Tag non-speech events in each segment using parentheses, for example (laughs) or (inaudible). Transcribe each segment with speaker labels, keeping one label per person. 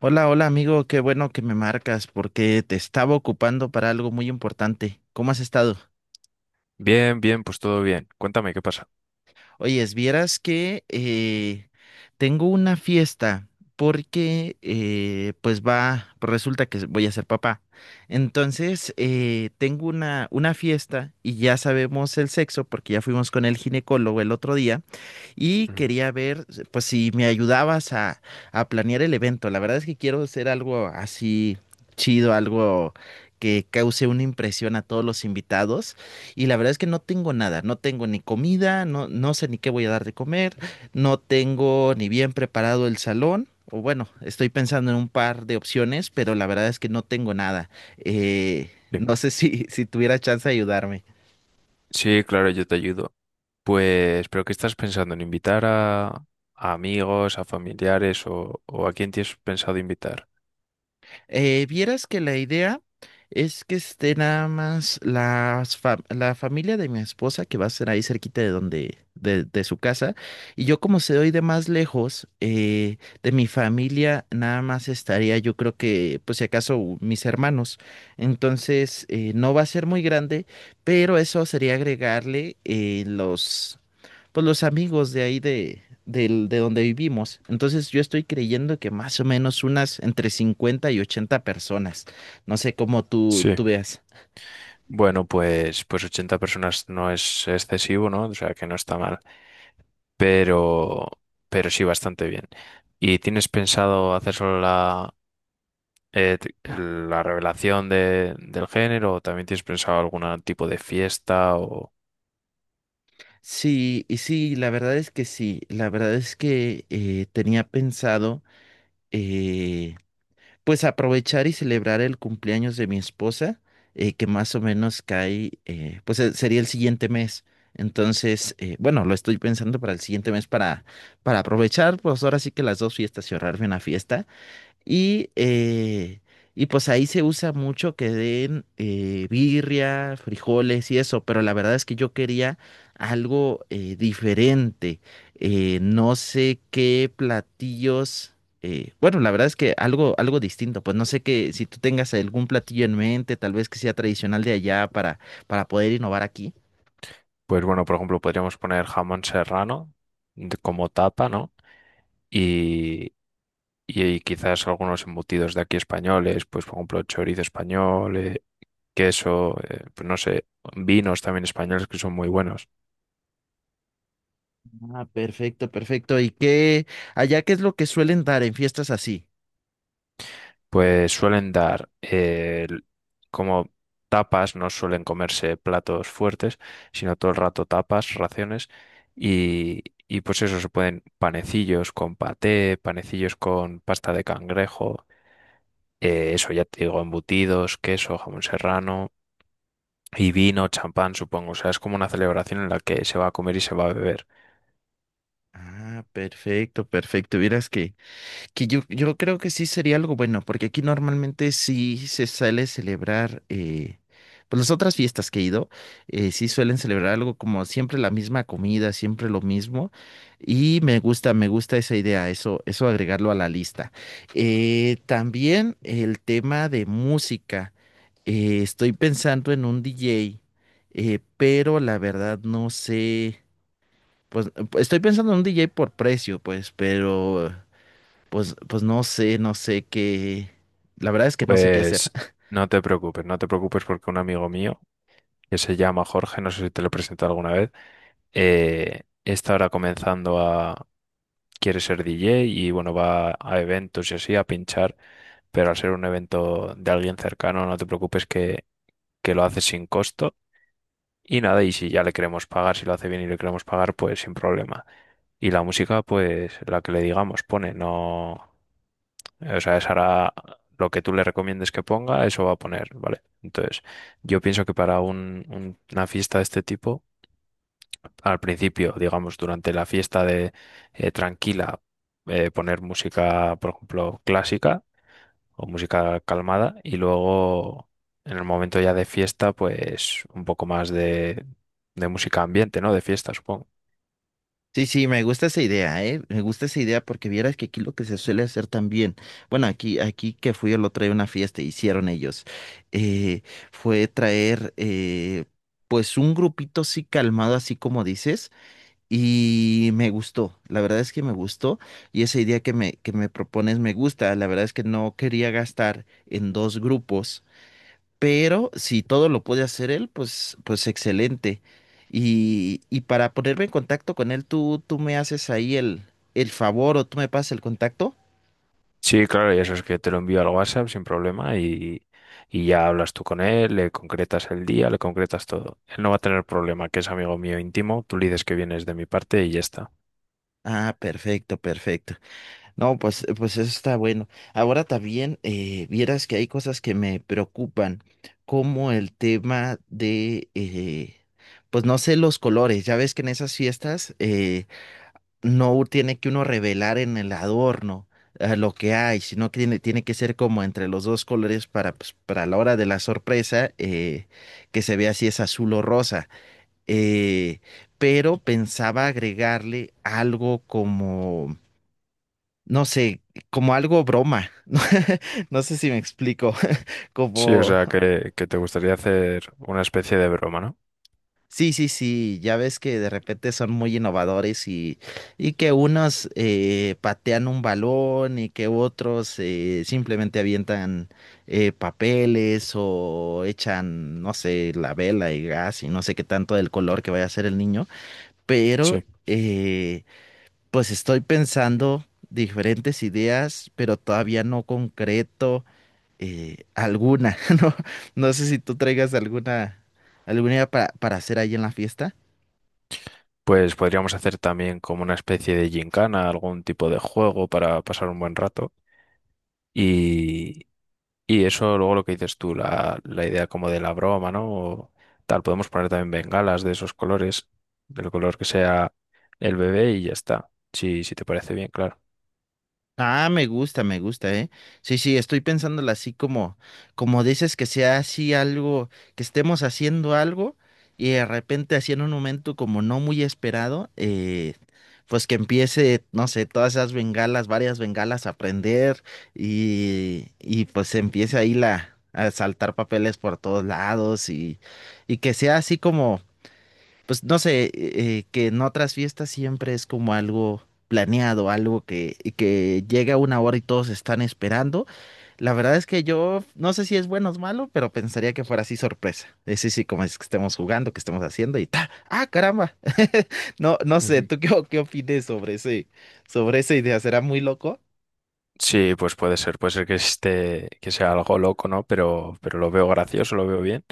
Speaker 1: Hola, hola amigo, qué bueno que me marcas porque te estaba ocupando para algo muy importante. ¿Cómo has estado?
Speaker 2: Bien, bien, pues todo bien. Cuéntame, ¿qué pasa?
Speaker 1: Oye, vieras que tengo una fiesta porque pues va, pues resulta que voy a ser papá. Entonces, tengo una fiesta y ya sabemos el sexo porque ya fuimos con el ginecólogo el otro día y
Speaker 2: Ujú,
Speaker 1: quería ver pues si me ayudabas a planear el evento. La verdad es que quiero hacer algo así chido, algo que cause una impresión a todos los invitados y la verdad es que no tengo nada, no tengo ni comida, no, no sé ni qué voy a dar de comer, no tengo ni bien preparado el salón. O bueno, estoy pensando en un par de opciones, pero la verdad es que no tengo nada.
Speaker 2: sí.
Speaker 1: No sé si tuviera chance de ayudarme.
Speaker 2: Sí, claro, yo te ayudo. Pues, ¿pero qué estás pensando? ¿En invitar a amigos, a familiares o a quién tienes pensado invitar?
Speaker 1: Vieras que la idea es que esté nada más las la familia de mi esposa que va a ser ahí cerquita de donde, de su casa. Y yo como se doy de más lejos, de mi familia nada más estaría yo creo que, pues si acaso, mis hermanos. Entonces, no va a ser muy grande, pero eso sería agregarle los pues los amigos de ahí de donde vivimos. Entonces yo estoy creyendo que más o menos unas entre 50 y 80 personas. No sé cómo tú,
Speaker 2: Sí,
Speaker 1: tú veas.
Speaker 2: bueno, pues 80 personas no es excesivo, ¿no? O sea, que no está mal, pero, pero sí bastante bien. ¿Y tienes pensado hacer solo la revelación del género o también tienes pensado algún tipo de fiesta?
Speaker 1: Sí, y sí, la verdad es que sí. La verdad es que tenía pensado, eh, pues aprovechar y celebrar el cumpleaños de mi esposa, que más o menos cae, sería el siguiente mes. Entonces, bueno, lo estoy pensando para el siguiente mes para aprovechar, pues ahora sí que las dos fiestas y ahorrarme una fiesta y, eh, y pues ahí se usa mucho que den birria, frijoles y eso, pero la verdad es que yo quería algo diferente. No sé qué platillos, bueno, la verdad es que algo distinto, pues no sé que si tú tengas algún platillo en mente, tal vez que sea tradicional de allá para poder innovar aquí.
Speaker 2: Pues bueno, por ejemplo, podríamos poner jamón serrano de- como tapa, ¿no? Y, y quizás algunos embutidos de aquí españoles, pues por ejemplo, chorizo español, queso, pues no sé, vinos también españoles que son muy buenos.
Speaker 1: Ah, perfecto, perfecto. ¿Y qué, allá qué es lo que suelen dar en fiestas así?
Speaker 2: Pues suelen dar como tapas, no suelen comerse platos fuertes, sino todo el rato tapas, raciones. Y, y pues eso, se pueden panecillos con paté, panecillos con pasta de cangrejo. Eso ya te digo, embutidos, queso, jamón serrano y vino, champán, supongo. O sea, es como una celebración en la que se va a comer y se va a beber.
Speaker 1: Ah, perfecto, perfecto. Vieras que... Que yo creo que sí sería algo bueno, porque aquí normalmente sí se suele celebrar, pues las otras fiestas que he ido, sí suelen celebrar algo como siempre la misma comida, siempre lo mismo, y me gusta esa idea, eso agregarlo a la lista. También el tema de música, estoy pensando en un DJ, pero la verdad no sé, pues estoy pensando en un DJ por precio, pues, pero... Pues, pues no sé, no sé qué. La verdad es que no sé qué hacer.
Speaker 2: Pues
Speaker 1: (laughs)
Speaker 2: no te preocupes, no te preocupes porque un amigo mío, que se llama Jorge, no sé si te lo he presentado alguna vez, está ahora Quiere ser DJ y bueno, va a eventos y así a pinchar, pero al ser un evento de alguien cercano, no te preocupes que lo haces sin costo. Y nada, y si ya le queremos pagar, si lo hace bien y le queremos pagar, pues sin problema. Y la música, pues la que le digamos, pone, no. O sea, esa hará lo que tú le recomiendes que ponga, eso va a poner, ¿vale? Entonces, yo pienso que para una fiesta de este tipo, al principio, digamos, durante la fiesta de tranquila, poner música, por ejemplo, clásica o música calmada y luego en el momento ya de fiesta pues un poco más de música ambiente, ¿no? De fiesta, supongo.
Speaker 1: Sí, sí, me gusta esa idea, ¿eh? Me gusta esa idea porque vieras que aquí lo que se suele hacer también. Bueno, aquí que fui el otro día a una fiesta, hicieron ellos. eh, fue traer, pues, un grupito así calmado, así como dices. Y me gustó, la verdad es que me gustó. Y esa idea que que me propones me gusta. La verdad es que no quería gastar en dos grupos. Pero si todo lo puede hacer él, pues, pues excelente. Y para ponerme en contacto con él, tú me haces ahí el favor o tú me pasas el contacto.
Speaker 2: Sí, claro, y eso es que te lo envío al WhatsApp sin problema y ya hablas tú con él, le concretas el día, le concretas todo. Él no va a tener problema, que es amigo mío íntimo, tú le dices que vienes de mi parte y ya está.
Speaker 1: Ah, perfecto, perfecto. No, pues, pues eso está bueno. Ahora también vieras que hay cosas que me preocupan, como el tema de, pues no sé, los colores. Ya ves que en esas fiestas no tiene que uno revelar en el adorno lo que hay, sino que tiene que ser como entre los dos colores para, pues, para la hora de la sorpresa, que se vea si es azul o rosa. Eh, pero pensaba agregarle algo como, no sé, como algo broma. (laughs) No sé si me explico, (laughs)
Speaker 2: Sí, o
Speaker 1: como...
Speaker 2: sea que te gustaría hacer una especie de broma, ¿no?
Speaker 1: Sí, sí, sí, ya ves que de repente son muy innovadores y que unos patean un balón y que otros simplemente avientan papeles o echan, no sé, la vela y gas y no sé qué tanto del color que vaya a ser el niño. Pero
Speaker 2: Sí.
Speaker 1: eh, pues estoy pensando diferentes ideas, pero todavía no concreto alguna, (laughs) ¿no? No sé si tú traigas alguna, alguna idea para hacer ahí en la fiesta.
Speaker 2: Pues podríamos hacer también como una especie de gincana, algún tipo de juego para pasar un buen rato. Y, y eso luego lo que dices tú, la idea como de la broma, ¿no? O tal, podemos poner también bengalas de esos colores, del color que sea el bebé y ya está. Sí, si te parece bien, claro.
Speaker 1: Ah, me gusta, ¿eh? Sí, sí, estoy pensándola así como, como dices que sea así algo, que estemos haciendo algo y de repente así en un momento como no muy esperado, pues que empiece, no sé, todas esas bengalas, varias bengalas a prender y pues empiece ahí la, a saltar papeles por todos lados y que sea así pues no sé, que en otras fiestas siempre es como algo planeado, algo que llega una hora y todos están esperando. La verdad es que yo no sé si es bueno o es malo, pero pensaría que fuera así sorpresa. Sí, sí, como es que estemos jugando, que estemos haciendo y ta, ah, caramba. (laughs) No, no sé,
Speaker 2: Ujú.
Speaker 1: ¿tú qué, qué opines sobre ese, sobre esa idea? ¿Será muy loco?
Speaker 2: Sí, pues puede ser que esté, que sea algo loco, ¿no? Pero lo veo gracioso, lo veo bien,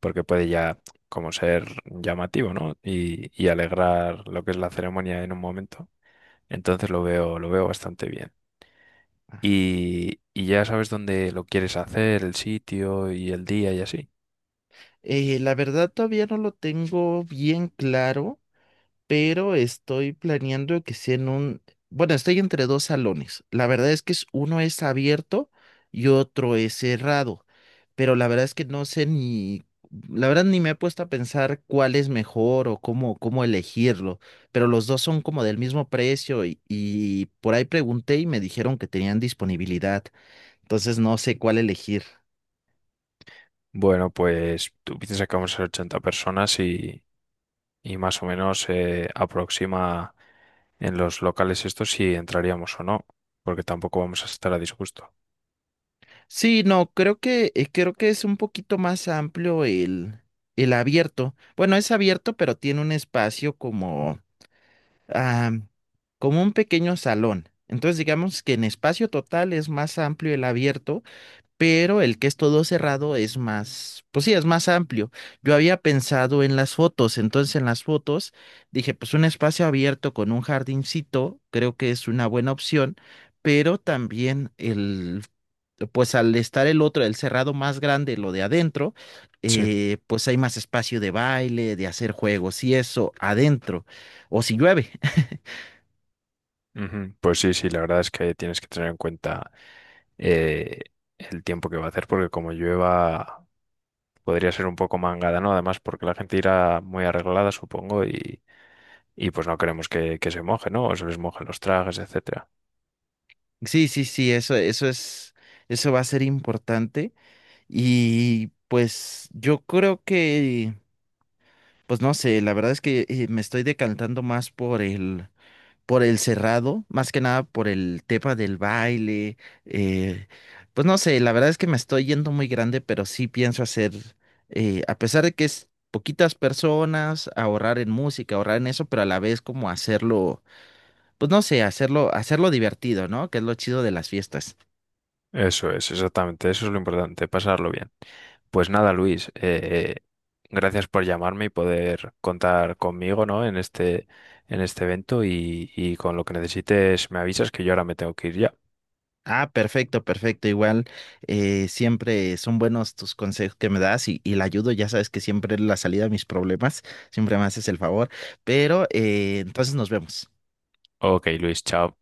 Speaker 2: porque puede ya como ser llamativo, ¿no? Y alegrar lo que es la ceremonia en un momento. Entonces lo veo bastante bien. Y, y ya sabes dónde lo quieres hacer, el sitio y el día y así.
Speaker 1: La verdad todavía no lo tengo bien claro, pero estoy planeando que sea en un, bueno, estoy entre dos salones. La verdad es que uno es abierto y otro es cerrado, pero la verdad es que no sé ni, la verdad ni me he puesto a pensar cuál es mejor o cómo, cómo elegirlo, pero los dos son como del mismo precio y por ahí pregunté y me dijeron que tenían disponibilidad, entonces no sé cuál elegir.
Speaker 2: Bueno, pues tú piensas que vamos a ser 80 personas y más o menos aproxima en los locales estos si entraríamos o no, porque tampoco vamos a estar a disgusto.
Speaker 1: Sí, no, creo que es un poquito más amplio el abierto. Bueno, es abierto, pero tiene un espacio como, ah, como un pequeño salón. Entonces, digamos que en espacio total es más amplio el abierto, pero el que es todo cerrado es más, pues sí, es más amplio. Yo había pensado en las fotos, entonces en las fotos dije, pues un espacio abierto con un jardincito, creo que es una buena opción, pero también el, pues al estar el otro, el cerrado más grande, lo de adentro,
Speaker 2: Sí.
Speaker 1: pues hay más espacio de baile, de hacer juegos y eso adentro, o si llueve. (laughs)
Speaker 2: Ujú. Pues sí, sí, la verdad es que tienes que tener en cuenta eh, el tiempo que va a hacer, porque como llueva podría ser un poco mangada, ¿no? Además, porque la gente irá muy arreglada, supongo, y pues no queremos que se moje, ¿no? O se les mojen los trajes, etcétera.
Speaker 1: Sí, sí, sí, eso es, eso va a ser importante. Y pues yo creo que, pues no sé, la verdad es que me estoy decantando más por el cerrado, más que nada por el tema del baile. eh, pues no sé, la verdad es que me estoy yendo muy grande, pero sí pienso hacer, a pesar de que es poquitas personas, ahorrar en música, ahorrar en eso, pero a la vez como hacerlo, pues no sé, hacerlo, hacerlo divertido, ¿no? Que es lo chido de las fiestas.
Speaker 2: Eso es, exactamente, eso es lo importante, pasarlo bien. Pues nada, Luis, gracias por llamarme y poder contar conmigo, ¿no? En este evento y con lo que necesites me avisas que yo ahora me tengo que ir ya.
Speaker 1: Ah, perfecto, perfecto. Igual siempre son buenos tus consejos que me das y la ayudo. Ya sabes que siempre es la salida a mis problemas. Siempre me haces el favor. Pero entonces nos vemos.
Speaker 2: Ok, Luis, chao.